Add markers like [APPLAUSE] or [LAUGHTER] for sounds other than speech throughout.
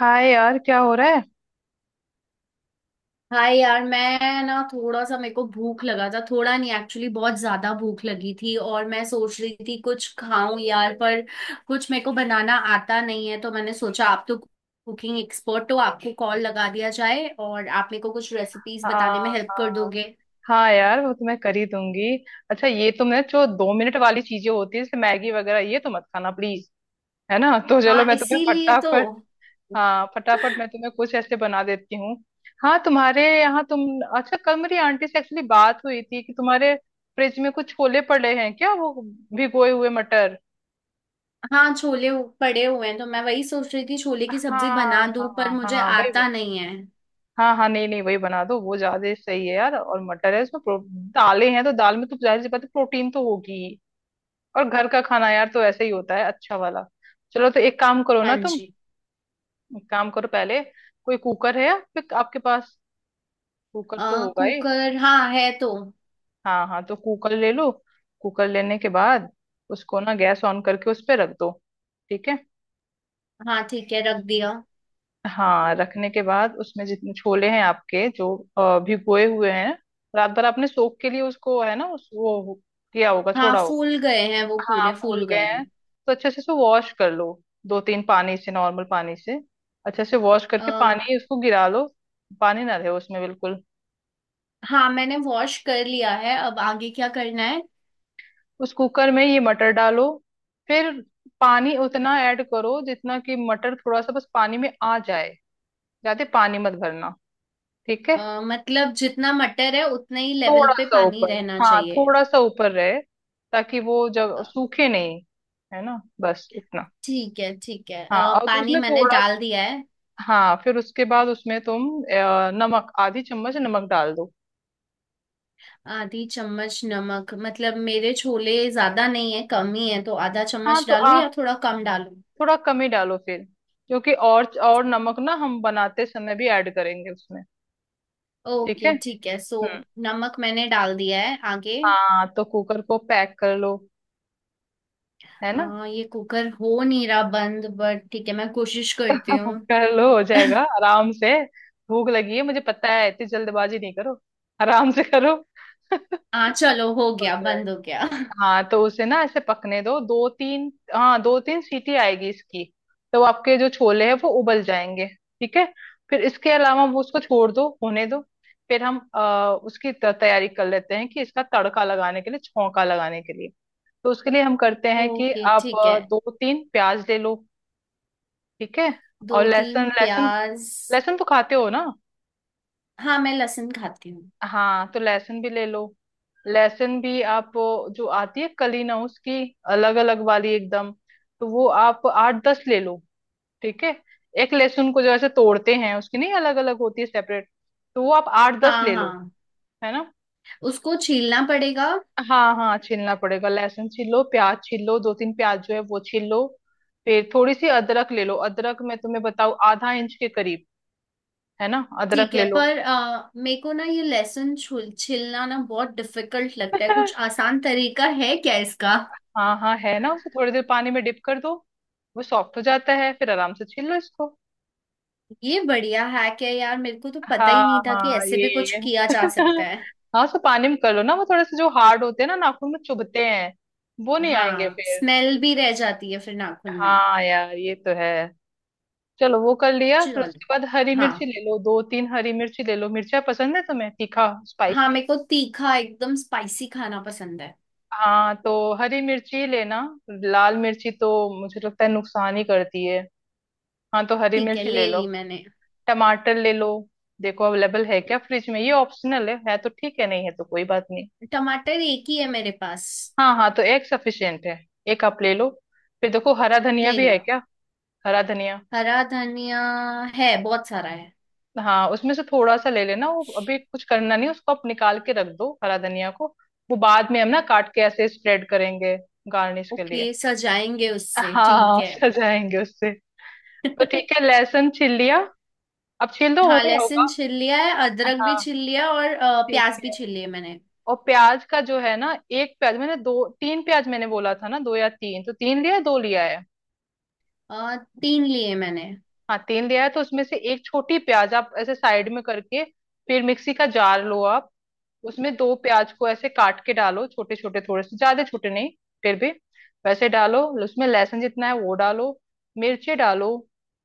हाय यार, क्या हो रहा है। हाय यार। मैं ना थोड़ा सा मेरे को भूख लगा था, थोड़ा नहीं एक्चुअली बहुत ज्यादा भूख लगी थी। और मैं सोच रही थी कुछ खाऊं यार, पर कुछ मेरे को बनाना आता नहीं है। तो मैंने सोचा आप तो कुकिंग एक्सपर्ट हो, आपको कॉल लगा दिया जाए और आप मेरे को कुछ रेसिपीज हाँ, बताने में हेल्प कर हाँ, दोगे। हाँ, यार वो तो मैं कर ही दूंगी। अच्छा, ये तो मैं, जो 2 मिनट वाली चीजें होती है जैसे मैगी वगैरह, ये तो मत खाना प्लीज। है ना? तो चलो हाँ, मैं तुम्हें इसीलिए तो। फटाफट। हाँ, फटाफट मैं तुम्हें कुछ ऐसे बना देती हूँ। हाँ, तुम्हारे यहाँ, तुम। अच्छा, कल मेरी आंटी से एक्चुअली बात हुई थी कि तुम्हारे फ्रिज में कुछ छोले पड़े हैं क्या, वो भिगोए हुए मटर। हाँ, छोले पड़े हुए हैं, तो मैं वही सोच रही थी छोले की सब्जी हाँ, बना दूं, पर हाँ, मुझे हाँ, वही आता वही। नहीं है। हाँ, हाँ, नहीं, नहीं, वही बना दो, वो ज्यादा सही है यार। और मटर है उसमें दालें हैं, तो दाल में तो जाहिर सी बात है प्रोटीन तो होगी ही। और घर का खाना यार तो ऐसे ही होता है, अच्छा वाला। चलो, तो एक काम करो हाँ ना तुम। जी। एक काम करो पहले। कोई कुकर है आपके आपके पास? कुकर तो होगा ही। कुकर हाँ है तो। हाँ, हाँ, तो कुकर ले लो। कुकर लेने के बाद उसको ना गैस ऑन करके उस पर रख दो। ठीक है। हाँ ठीक है, रख दिया। हाँ, रखने के बाद उसमें जितने छोले हैं आपके, जो भिगोए हुए हैं, रात भर आपने सोख के लिए उसको, है ना? उस, वो किया होगा, हाँ छोड़ा होगा। फूल गए हैं, वो हाँ, पूरे फूल फूल गए गए हैं हैं। तो अच्छे से उसको वॉश कर लो। दो तीन पानी से, नॉर्मल पानी से अच्छे से वॉश करके आ, पानी उसको गिरा लो। पानी ना रहे उसमें बिल्कुल। हाँ मैंने वॉश कर लिया है, अब आगे क्या करना है? उस कुकर में ये मटर डालो। फिर पानी उतना ऐड करो जितना कि मटर थोड़ा सा बस पानी में आ जाए। ज्यादा पानी मत भरना। ठीक है। मतलब जितना मटर है उतने ही लेवल थोड़ा पे सा पानी ऊपर, रहना हाँ चाहिए? थोड़ा सा ऊपर रहे ताकि वो जब अ, सूखे नहीं। है ना, बस इतना। ठीक है ठीक है। हाँ, और तो पानी उसमें मैंने थोड़ा डाल दिया है। हाँ, फिर उसके बाद उसमें तुम नमक, आधी चम्मच नमक डाल दो। आधी चम्मच नमक? मतलब मेरे छोले ज्यादा नहीं है, कम ही है, तो आधा हाँ, चम्मच तो डालूं आ या थोड़ा कम डालूं? थोड़ा कम ही डालो फिर। क्योंकि और नमक ना हम बनाते समय भी ऐड करेंगे उसमें। ठीक ओके है। ठीक है सो। हम्म। नमक मैंने डाल दिया है। आगे? हाँ, तो कुकर को पैक कर लो। है ना। ये कुकर हो नहीं रहा बंद, बट ठीक है मैं कोशिश करती [LAUGHS] हाँ, हूँ। कर लो, हो जाएगा [LAUGHS] आराम से। भूख लगी है मुझे पता है, इतनी जल्दबाजी नहीं करो। आराम से करो। [LAUGHS] हाँ चलो, हो हो गया, बंद हो जाएगा। गया। हाँ, तो उसे ना ऐसे पकने दो, दो तीन, हाँ, दो तीन सीटी आएगी इसकी। तो आपके जो छोले हैं वो उबल जाएंगे। ठीक है। फिर इसके अलावा वो, उसको छोड़ दो, होने दो। फिर हम उसकी तैयारी कर लेते हैं कि इसका तड़का लगाने के लिए, छौंका लगाने के लिए। तो उसके लिए हम करते हैं कि ओके आप ठीक है। दो तीन प्याज ले लो। ठीक है। दो और लहसुन, तीन लहसुन। प्याज। लहसुन तो खाते हो ना? हाँ, मैं लहसुन खाती हूँ। हाँ, तो लहसुन भी ले लो। लहसुन भी आप वो, जो आती है कली ना, उसकी अलग अलग वाली एकदम। तो वो आप आठ दस ले लो। ठीक है। एक लहसुन को जैसे तोड़ते हैं उसकी नहीं, अलग अलग होती है, सेपरेट। तो वो आप आठ दस हाँ ले लो। हाँ। है ना। उसको छीलना पड़ेगा? हाँ, हाँ, छीलना पड़ेगा। लहसुन छील लो, प्याज छील लो, दो तीन प्याज जो है वो छील लो। फिर थोड़ी सी अदरक ले लो। अदरक मैं तुम्हें बताऊँ, आधा इंच के करीब। है ना, अदरक ठीक ले है, लो। पर मेरे को ना ये लहसुन छुल छीलना ना बहुत डिफिकल्ट लगता है, कुछ [LAUGHS] आसान तरीका है क्या इसका? हाँ, हाँ, है ना, उसे थोड़ी देर पानी में डिप कर दो। वो सॉफ्ट हो जाता है, फिर आराम से छील लो इसको। ये बढ़िया हैक है यार, मेरे को तो पता हाँ, ही नहीं था कि हाँ, ऐसे ये भी ये कुछ [LAUGHS] किया जा ये। सकता है। हाँ, सो पानी में कर लो ना, वो थोड़े से जो हार्ड होते हैं ना नाखून में चुभते हैं, वो नहीं आएंगे हाँ, फिर। स्मेल भी रह जाती है फिर नाखून में। हाँ यार, ये तो है। चलो, वो कर लिया। फिर चलो। उसके बाद हरी हाँ। मिर्ची ले लो, दो तीन हरी मिर्ची ले लो। मिर्चा पसंद है तुम्हें? तीखा, हाँ, स्पाइसी? मेरे को तीखा एकदम स्पाइसी खाना पसंद है। हाँ, तो हरी मिर्ची लेना। लाल मिर्ची तो मुझे लगता है नुकसान ही करती है। हाँ, तो हरी ठीक है, मिर्ची ले ले लो। ली मैंने। टमाटर ले लो। देखो अवेलेबल है क्या फ्रिज में, ये ऑप्शनल है तो ठीक है, नहीं है तो कोई बात नहीं। टमाटर एक ही है मेरे पास। हाँ, हाँ, तो एक सफिशियंट है। एक आप ले लो। फिर देखो हरा धनिया ले भी है लिया। क्या। हरा धनिया। हरा धनिया है, बहुत सारा है। हाँ, उसमें से थोड़ा सा ले लेना। वो अभी कुछ करना नहीं, उसको आप निकाल के रख दो, हरा धनिया को। वो बाद में हम ना काट के ऐसे स्प्रेड करेंगे, गार्निश के लिए। ओके, सजाएंगे उससे, ठीक हाँ, है। सजाएंगे उससे। तो ठीक [LAUGHS] है, लहसुन छील लिया। अब छील दो, हो हाँ गया लहसुन होगा। छिल लिया है, अदरक भी हाँ, छिल लिया, और ठीक प्याज भी है। छिल लिए मैंने। और प्याज का जो है ना, एक प्याज मैंने, दो तीन प्याज मैंने बोला था ना, दो या तीन, तो तीन लिया है दो लिया है? तीन लिए मैंने। हाँ, तीन लिया है, तो उसमें से एक छोटी प्याज आप ऐसे साइड में करके फिर मिक्सी का जार लो आप। उसमें दो प्याज को ऐसे काट के डालो, छोटे छोटे, थोड़े से, ज्यादा छोटे नहीं फिर भी, वैसे डालो। उसमें लहसुन जितना है वो डालो, मिर्ची डालो,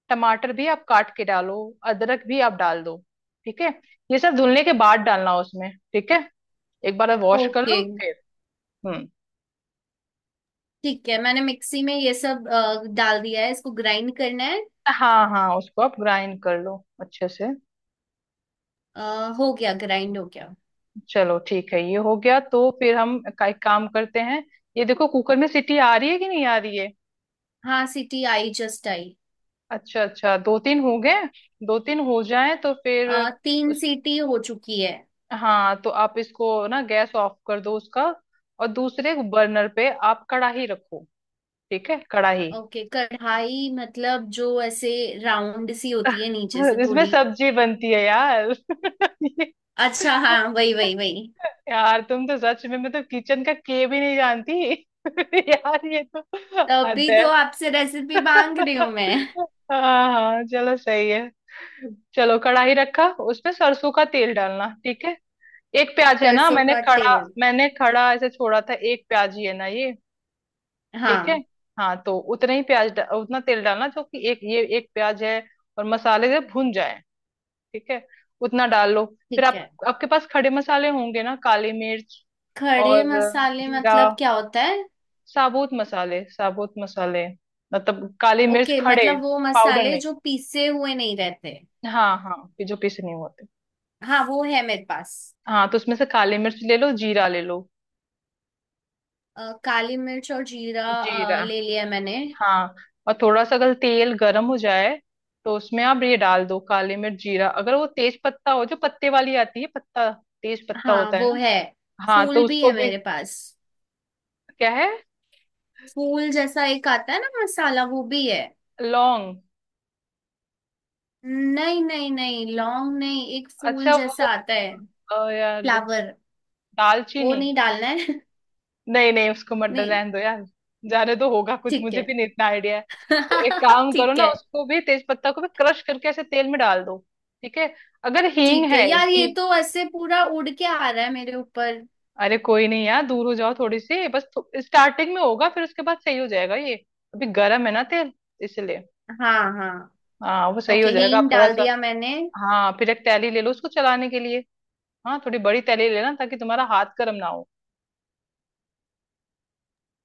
टमाटर भी आप काट के डालो, अदरक भी आप डाल दो। ठीक है। ये सब धुलने के बाद डालना उसमें, ठीक है। एक बार वॉश कर ओके लो फिर। हम्म। ठीक है। मैंने मिक्सी में ये सब डाल दिया है, इसको ग्राइंड करना है? हाँ, हाँ, उसको आप ग्राइंड कर लो, अच्छे से। अ, हो गया, ग्राइंड हो गया। चलो ठीक है, ये हो गया तो फिर हम एक काम करते हैं। ये देखो कुकर में सीटी आ रही है कि नहीं आ रही है? हाँ सीटी आई, जस्ट आई। अच्छा, अच्छा, दो तीन हो गए। दो तीन हो जाए तो फिर तीन उस सीटी हो चुकी है। हाँ, तो आप इसको ना गैस ऑफ कर दो उसका। और दूसरे बर्नर पे आप कढ़ाई रखो। ठीक है, कढ़ाई। ओके, कढ़ाई मतलब जो ऐसे राउंड सी होती है, नीचे से [LAUGHS] इसमें थोड़ी। सब्जी बनती है यार। [LAUGHS] ये- अच्छा हाँ, वही वही वही। यार तुम तो सच में मतलब किचन का के भी नहीं जानती। [LAUGHS] यार, ये तो हद तभी है। तो आपसे रेसिपी मांग रही हूँ [LAUGHS] मैं। हाँ, हाँ, चलो, सही है। चलो कढ़ाई रखा, उसमें सरसों का तेल डालना, ठीक है। एक प्याज है ना, सरसों मैंने का खड़ा तेल? मैंने खड़ा ऐसे छोड़ा था, एक प्याज ही है ना ये? ठीक है। हाँ। हाँ, तो उतना ही प्याज डा- उतना तेल डालना, जो कि एक, ये एक प्याज है और मसाले से भुन जाए। ठीक है, उतना डाल लो। फिर ठीक आप है। आपके पास खड़े मसाले होंगे ना, काली मिर्च खड़े और मसाले जीरा। मतलब क्या होता है? साबुत मसाले, साबुत मसाले। मतलब काली मिर्च, ओके, खड़े। मतलब वो पाउडर मसाले नहीं। जो पीसे हुए नहीं रहते। हाँ, हाँ, कि जो पीसे नहीं होते। हाँ वो है मेरे पास। हाँ, तो उसमें से काली मिर्च ले लो, जीरा ले लो। काली मिर्च और जीरा जीरा। ले लिया मैंने। हाँ। और थोड़ा सा अगर तेल गर्म हो जाए, तो उसमें आप ये डाल दो, काली मिर्च, जीरा। अगर वो तेज पत्ता हो, जो पत्ते वाली आती है, पत्ता, तेज पत्ता हाँ होता है वो ना? है। हाँ, फूल तो भी उसको है भी। मेरे पास। क्या है? फूल जैसा एक आता है ना मसाला, वो भी है। लौंग? नहीं नहीं नहीं, लॉन्ग नहीं, एक फूल अच्छा, जैसा वो। आता है। ओ यार, फ्लावर। वो दालचीनी? नहीं डालना है? नहीं, नहीं, उसको मत [LAUGHS] नहीं। रहने दो यार। जाने तो होगा कुछ, ठीक मुझे भी है। नहीं इतना आइडिया है। तो एक [LAUGHS] काम करो ठीक ना, है। उसको भी, तेज पत्ता को भी क्रश करके ऐसे तेल में डाल दो। ठीक है। अगर हींग ठीक है है, यार, ये हींग। तो ऐसे पूरा उड़ के आ रहा है मेरे ऊपर। अरे, कोई नहीं यार, दूर हो जाओ थोड़ी सी बस। स्टार्टिंग में होगा, फिर उसके बाद सही हो जाएगा ये। अभी गर्म है ना तेल, इसलिए। हाँ हाँ। हाँ, वो सही हो ओके, जाएगा, हींग आप थोड़ा डाल सा। दिया मैंने। हाँ, फिर एक तैली ले लो उसको चलाने के लिए। हाँ, थोड़ी बड़ी तैली लेना, ताकि तुम्हारा हाथ गर्म ना हो।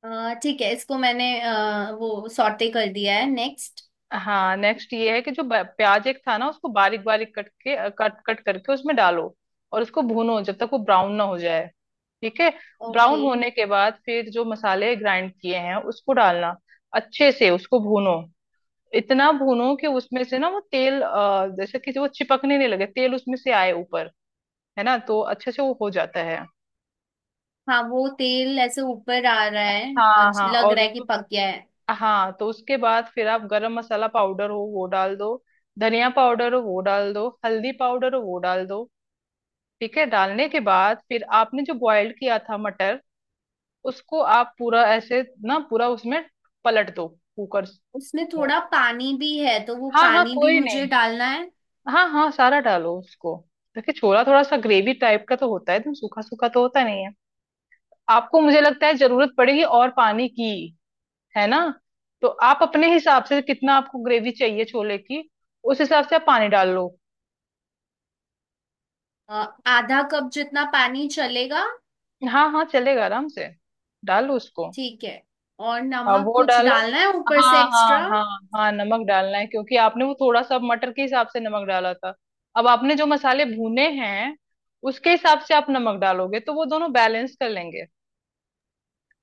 ठीक है, इसको मैंने वो सॉटे कर दिया है, नेक्स्ट? हाँ, नेक्स्ट ये है कि जो प्याज एक था ना, उसको बारीक बारीक कट कट करके उसमें डालो और उसको भूनो जब तक वो ब्राउन ना हो जाए। ठीक है। Brown okay. होने के बाद फिर जो मसाले ग्राइंड किए हैं उसको डालना। अच्छे से उसको भूनो। इतना भूनो कि उसमें से ना वो तेल, जैसे कि वो चिपकने नहीं लगे, तेल उसमें से आए ऊपर। है ना, तो अच्छे से वो हो जाता है। हाँ वो तेल ऐसे ऊपर आ रहा है, हाँ, अच्छा, हाँ, लग रहा और है कि पक गया है। हाँ, तो उसके बाद फिर आप गरम मसाला पाउडर हो वो डाल दो, धनिया पाउडर हो वो डाल दो, हल्दी पाउडर हो वो डाल दो। ठीक है, डालने के बाद फिर आपने जो बॉयल किया था मटर, उसको आप पूरा ऐसे, ना पूरा उसमें पलट दो कुकर उसमें में। थोड़ा पानी भी है, तो वो हाँ, हाँ, पानी भी कोई मुझे नहीं। डालना है। हाँ, हाँ, सारा डालो उसको। देखिए छोला थोड़ा सा ग्रेवी टाइप का तो होता है, एकदम सूखा सूखा तो होता नहीं है। आपको, मुझे लगता है, जरूरत पड़ेगी और पानी की। है ना। तो आप अपने हिसाब से, कितना आपको ग्रेवी चाहिए छोले की, उस हिसाब से आप पानी डाल लो। अ, आधा कप जितना पानी चलेगा? हाँ, हाँ, चलेगा आराम से। डालो उसको। ठीक है। और हाँ, नमक वो कुछ डालो। डालना है ऊपर हाँ, से हाँ, एक्स्ट्रा? हाँ, हाँ, नमक डालना है क्योंकि आपने वो थोड़ा सा मटर के हिसाब से नमक डाला था, अब आपने जो मसाले भुने हैं, उसके हिसाब से आप नमक डालोगे तो वो दोनों बैलेंस कर लेंगे।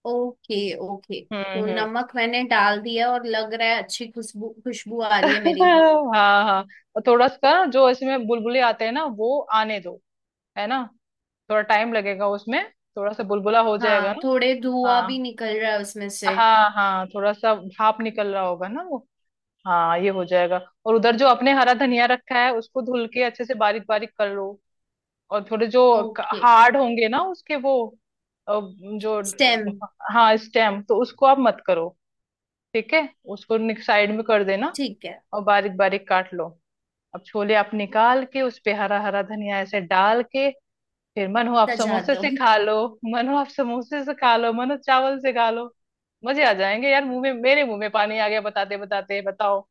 ओके ओके, तो हम्म, हम्म। नमक मैंने डाल दिया, और लग रहा है अच्छी खुशबू, खुशबू आ रही है मेरी। [LAUGHS] हाँ, हाँ। और थोड़ा सा जो इसमें बुलबुले आते हैं ना, वो आने दो। है ना, थोड़ा टाइम लगेगा उसमें, थोड़ा सा बुलबुला हो जाएगा हाँ, ना। थोड़े धुआं भी हाँ, निकल रहा है उसमें से। हाँ, हाँ, थोड़ा सा भाप निकल रहा होगा ना वो। हाँ, ये हो जाएगा। और उधर जो अपने हरा धनिया रखा है उसको धुल के अच्छे से बारीक बारीक कर लो। और थोड़े जो ओके। हार्ड होंगे ना उसके वो, अ, जो, स्टेम। हाँ स्टेम, तो उसको आप मत करो। ठीक है, उसको साइड में कर देना, ठीक है। और बारीक बारीक काट लो। अब छोले आप निकाल के उस पे हरा हरा धनिया ऐसे डाल के, फिर मन हो आप सजा समोसे दो। से खा लो। मन हो आप समोसे से खा लो, मन हो चावल से खा लो। मजे आ जाएंगे यार, मुंह में मेरे मुंह में पानी आ गया बताते बताते। बताओ।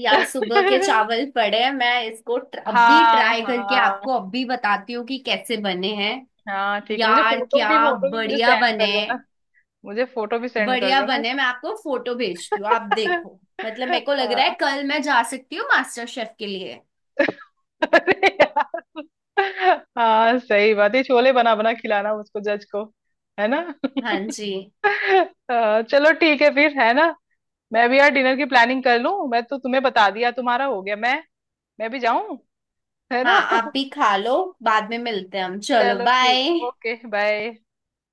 यार [LAUGHS] सुबह के चावल पड़े हैं, मैं इसको अभी हाँ, ट्राई करके हाँ। आपको अभी बताती हूँ कि कैसे बने हैं। हाँ, ठीक है, मुझे यार फोटो क्या भी, फोटो भी मुझे बढ़िया सेंड बने कर देना। हैं। मुझे फोटो भी सेंड कर बढ़िया देना। बने, मैं आपको फोटो भेजती हूँ, आप देखो। मतलब मेरे को लग रहा हाँ। है कल मैं जा सकती हूँ मास्टर शेफ के लिए। अरे यार। हाँ, सही बात है, छोले बना बना खिलाना उसको, जज को। है ना। हाँ [LAUGHS] जी। हाँ, चलो, ठीक है फिर, है ना। मैं भी यार डिनर की प्लानिंग कर लूं, मैं तो तुम्हें बता दिया, तुम्हारा हो गया, मैं भी जाऊं, है हाँ, ना। आप [LAUGHS] भी खा लो। बाद में मिलते हैं हम, चलो चलो बाय। ठीक। Okay, bye.